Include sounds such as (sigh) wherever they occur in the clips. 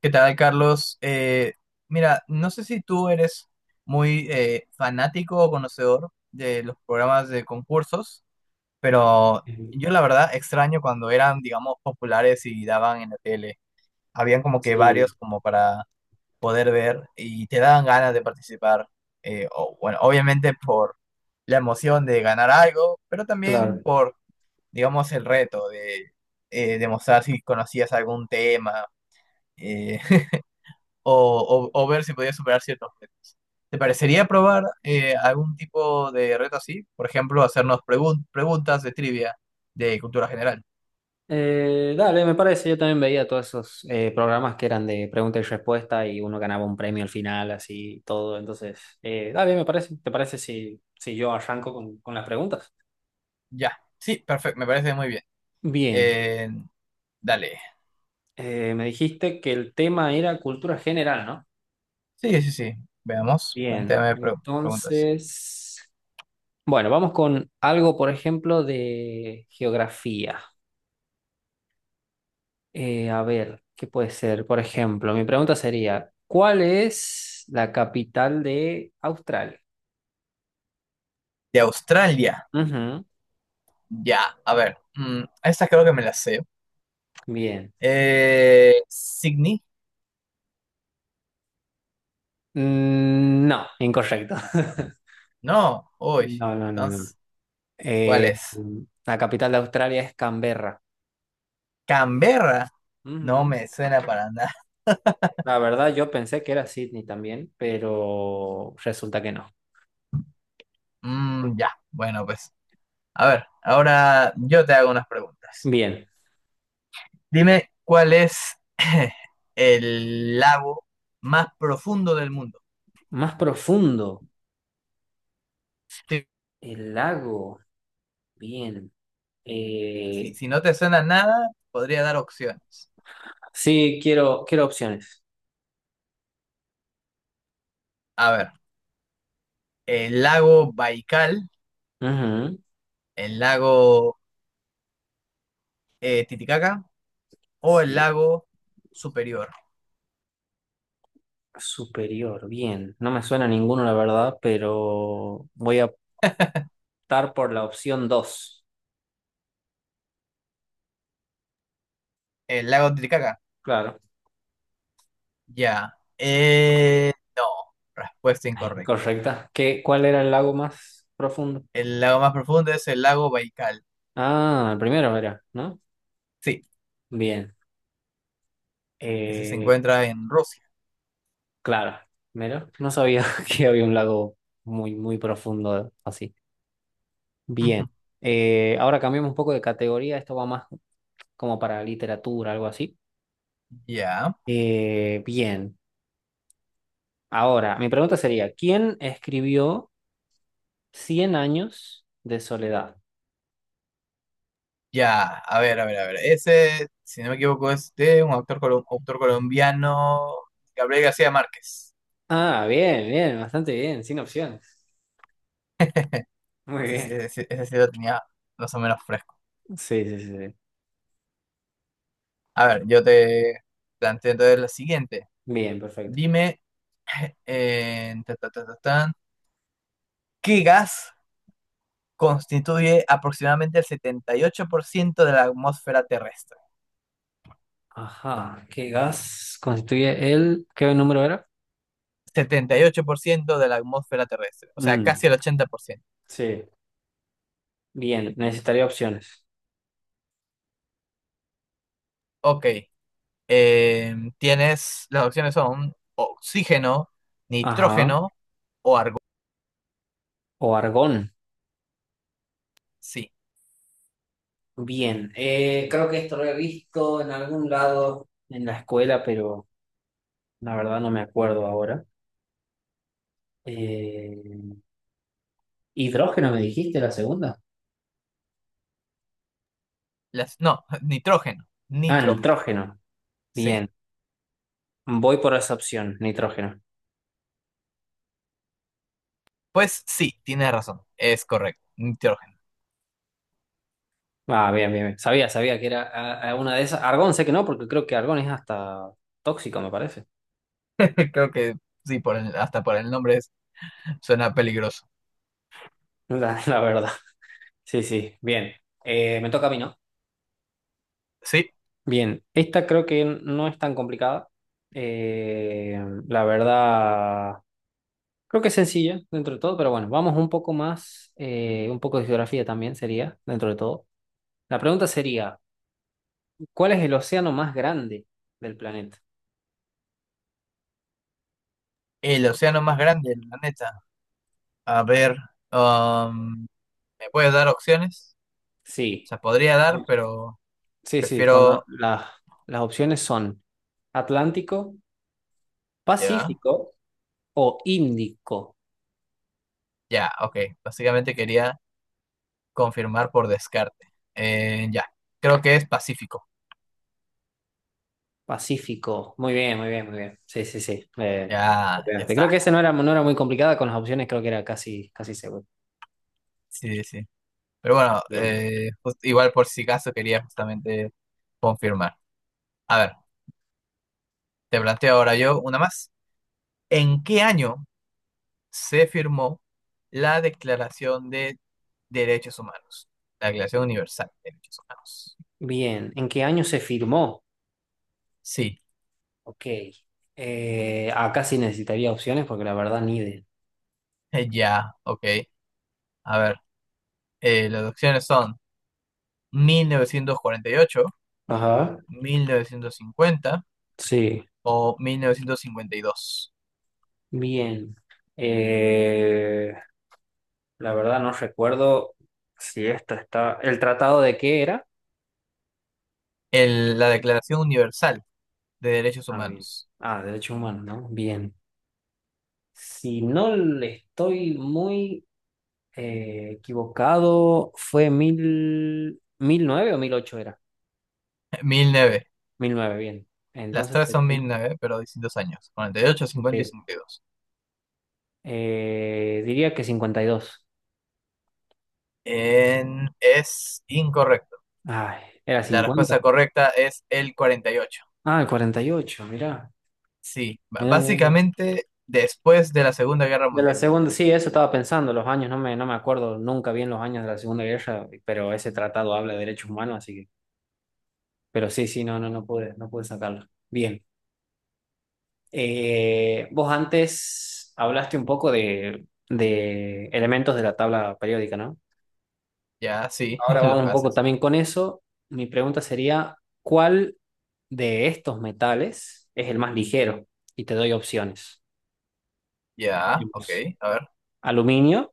¿Qué tal, Carlos? Mira, no sé si tú eres muy fanático o conocedor de los programas de concursos, pero yo la verdad extraño cuando eran, digamos, populares y daban en la tele. Habían como que Sí, varios como para poder ver y te daban ganas de participar. Bueno, obviamente por la emoción de ganar algo, pero también claro. por, digamos, el reto de demostrar si conocías algún tema. eh, o ver si podía superar ciertos retos. ¿Te parecería probar algún tipo de reto así? Por ejemplo, hacernos preguntas de trivia de cultura general. Dale, me parece, yo también veía todos esos programas que eran de pregunta y respuesta y uno ganaba un premio al final, así y todo. Entonces, dale, me parece. ¿Te parece si yo arranco con las preguntas? Ya, sí, perfecto, me parece muy bien. Bien, Eh, Dale. Me dijiste que el tema era cultura general, ¿no? Sí, sí, sí. Veamos, Bien, plantéame preguntas. entonces, bueno, vamos con algo, por ejemplo, de geografía. A ver, ¿qué puede ser? Por ejemplo, mi pregunta sería, ¿cuál es la capital de Australia? De Australia, Ujú. ya, a ver. Esta creo que me la sé. Bien. Sydney, Mm, no, incorrecto. (laughs) no, uy. No, no, no, no. Entonces, ¿cuál Eh, es? la capital de Australia es Canberra. Canberra, no Ujú. me suena para nada. La verdad, yo pensé que era Sydney también, pero resulta que no. Mm, ya, bueno, pues. A ver, ahora yo te hago unas preguntas. Bien. Dime cuál es (laughs) el lago más profundo del mundo. Más profundo, Si, el lago. Bien. si- Eh, si no te suena nada, podría dar opciones. sí, quiero opciones. A ver, el lago Baikal, Ujú. el lago Titicaca o el Sí. lago Superior. Superior, bien. No me suena ninguno, la verdad, pero voy a optar por la opción dos. El lago Titicaca, Claro, ya. No, respuesta (laughs) incorrecta. correcta. ¿Cuál era el lago más profundo? El lago más profundo es el lago Baikal. Ah, el primero era, ¿no? Sí, Bien. ese se Eh, encuentra en Rusia. claro, mira, no sabía (laughs) que había un lago muy, muy profundo así. Bien. (laughs) Ahora cambiamos un poco de categoría. Esto va más como para literatura, algo así. Ya, Bien. Ahora, mi pregunta sería, ¿quién escribió Cien años de soledad? ya, a ver, a ver, a ver. Ese, si no me equivoco, es de un autor colombiano, Gabriel García Márquez. Ah, bien, bien, bastante bien, sin opciones. Muy Sí, sí, bien. sí, sí, ese sí lo tenía más o menos fresco. Sí, sí, sí, sí. A ver, yo te planteo entonces la siguiente. Bien, perfecto. Dime, eh, ta, ta, ta, ta, tan, ¿qué gas constituye aproximadamente el 78% de la atmósfera terrestre? Ajá, ¿qué gas constituye el? ¿Qué número era? 78% de la atmósfera terrestre, o sea, Mm, casi el 80%. sí, bien, necesitaría opciones. Ok, las opciones son oxígeno, Ajá. nitrógeno o argón. O argón. Sí, Bien, creo que esto lo he visto en algún lado en la escuela, pero la verdad no me acuerdo ahora. Eh, ¿Hidrógeno me dijiste la segunda? No, (laughs) nitrógeno, Ah, nitrógeno, nitrógeno. sí. Bien, voy por esa opción, nitrógeno. Pues sí, tienes razón, es correcto, nitrógeno. Ah, bien, bien, bien. Sabía que era una de esas. Argón sé que no, porque creo que Argón es hasta tóxico, me parece. (laughs) Creo que sí, hasta por el nombre suena peligroso. (laughs) La verdad. Sí, sí, bien. Me toca a mí, ¿no? Sí, Bien, esta creo que no es tan complicada. Eh, la verdad, creo que es sencilla dentro de todo, pero bueno, vamos un poco más, un poco de geografía también sería dentro de todo. La pregunta sería, ¿cuál es el océano más grande del planeta? el océano más grande del planeta. A ver, um, ¿me puedes dar opciones? O Sí. sea, podría dar, pero Sí, sí, prefiero... las opciones son Atlántico, Ya, Pacífico o Índico. ya, ok. Básicamente quería... Confirmar por descarte. Ya, creo que es Pacífico. Pacífico. Muy bien, muy bien, muy bien. Sí, sí, sí. Le Ya, ya pegaste. está. Creo que esa no era, no era muy complicada con las opciones, creo que era casi, casi seguro. Sí, sí. Sí. Pero bueno, Bien. Igual por si acaso quería justamente confirmar. A ver, te planteo ahora yo una más. ¿En qué año se firmó la Declaración de Derechos Humanos? La Declaración Universal de Derechos Humanos. Bien. ¿En qué año se firmó? Sí, Ok. Acá sí necesitaría opciones porque la verdad ni de. (laughs) Ya, ok. A ver, las opciones son mil novecientos cuarenta y ocho, Ajá. mil novecientos cincuenta Sí. o mil novecientos cincuenta y dos. Bien. Eh, la verdad no recuerdo si esto está. ¿El tratado de qué era? La Declaración Universal de Derechos Ah, bien. Humanos. Ah, derechos humanos, ¿no? Bien. Si no le estoy muy equivocado, fue mil nueve o mil ocho era. (laughs) Mil nueve. Mil nueve, bien. Las Entonces, tres son 1009 pero distintos años, 48, cincuenta y sí. cincuenta y dos. Diría que 52. Es incorrecto. Ay, era La 50. respuesta correcta es el cuarenta y ocho. Ah, el 48, mirá. Sí, Mirá, mirá, mirá. básicamente después de la Segunda Guerra De la Mundial. segunda, sí, eso estaba pensando, los años, no me acuerdo nunca bien los años de la Segunda Guerra, pero ese tratado habla de derechos humanos, así que. Pero sí, sí, no, no, no pude sacarlo. Bien. Vos antes hablaste un poco de elementos de la tabla periódica, ¿no? Ya, sí, Ahora (laughs) los vamos un poco gases. también con eso. Mi pregunta sería, ¿cuál de estos metales es el más ligero? Y te doy opciones. Ya, ok, Tenemos a ver. aluminio,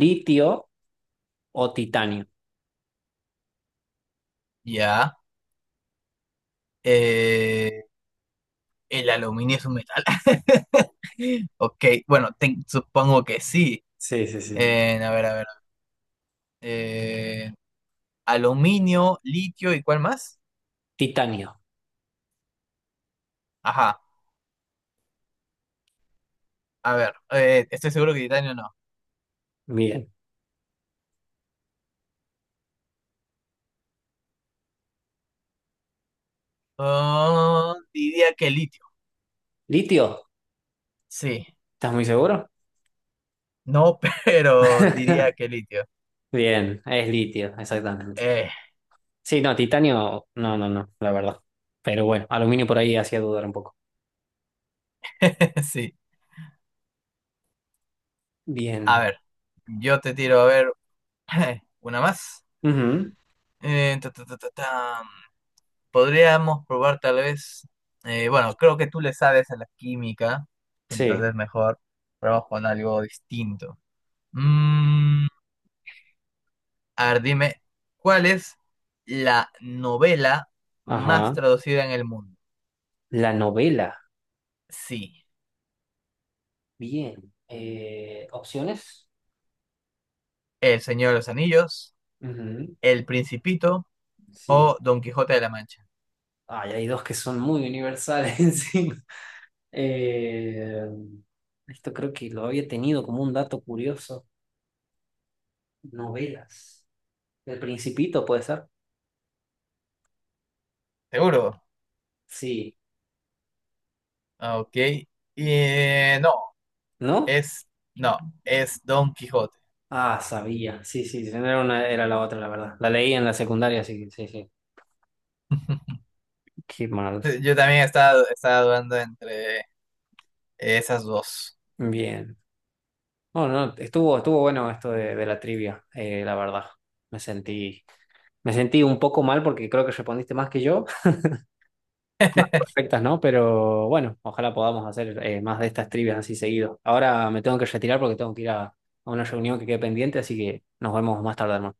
litio o titanio. Ya. eh, el aluminio es un metal. (laughs) Ok, bueno, supongo que sí. Sí, sí, sí. A ver, a ver. eh, aluminio, litio y ¿cuál más? Titanio. Ajá, a ver. Estoy seguro que titanio no. Bien. Ah, diría que litio. ¿Litio? Sí, ¿Estás muy seguro? no, (laughs) pero diría (laughs) que litio. Bien, es litio, exactamente. Eh, Sí, no, titanio, no, no, no, la verdad. Pero bueno, aluminio por ahí hacía dudar un poco. (laughs) sí, a Bien. ver. Yo te tiro, a ver, (clears throat) una más. Ujú. Ta, ta, ta, ta, tam. Podríamos probar tal vez. Bueno, creo que tú le sabes a la química, Sí, entonces mejor probamos con algo distinto. Mm, A ver, dime, ¿cuál es la novela más ajá. traducida en el mundo? La novela, Sí, bien. Opciones. El Señor de los Anillos, Ujú. El Principito Sí. o Don Quijote de la Mancha. Ay, hay dos que son muy universales (laughs) encima. Eh, Esto creo que lo había tenido como un dato curioso. Novelas. El Principito puede ser. ¿Seguro? Sí, Ah, ok. Y, eh, no, ¿no? es, no, es Don Quijote. Ah, sabía. Sí, sí, sí, era la otra, la verdad. La leí en la secundaria, sí, sí, sí. (laughs) Qué mal. Yo también estaba dudando entre esas dos. Bien. No, no, estuvo bueno esto de la trivia, la verdad. Me sentí, me sentí un poco mal porque creo que respondiste más que yo. (laughs) Más (laughs) perfectas, ¿no? Pero bueno, ojalá podamos hacer más de estas trivias así seguido. Ahora me tengo que retirar porque tengo que ir a una reunión que quede pendiente, así que nos vemos más tarde, hermano.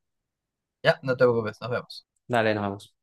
Ya, no te preocupes, nos vemos. Dale, nos vemos.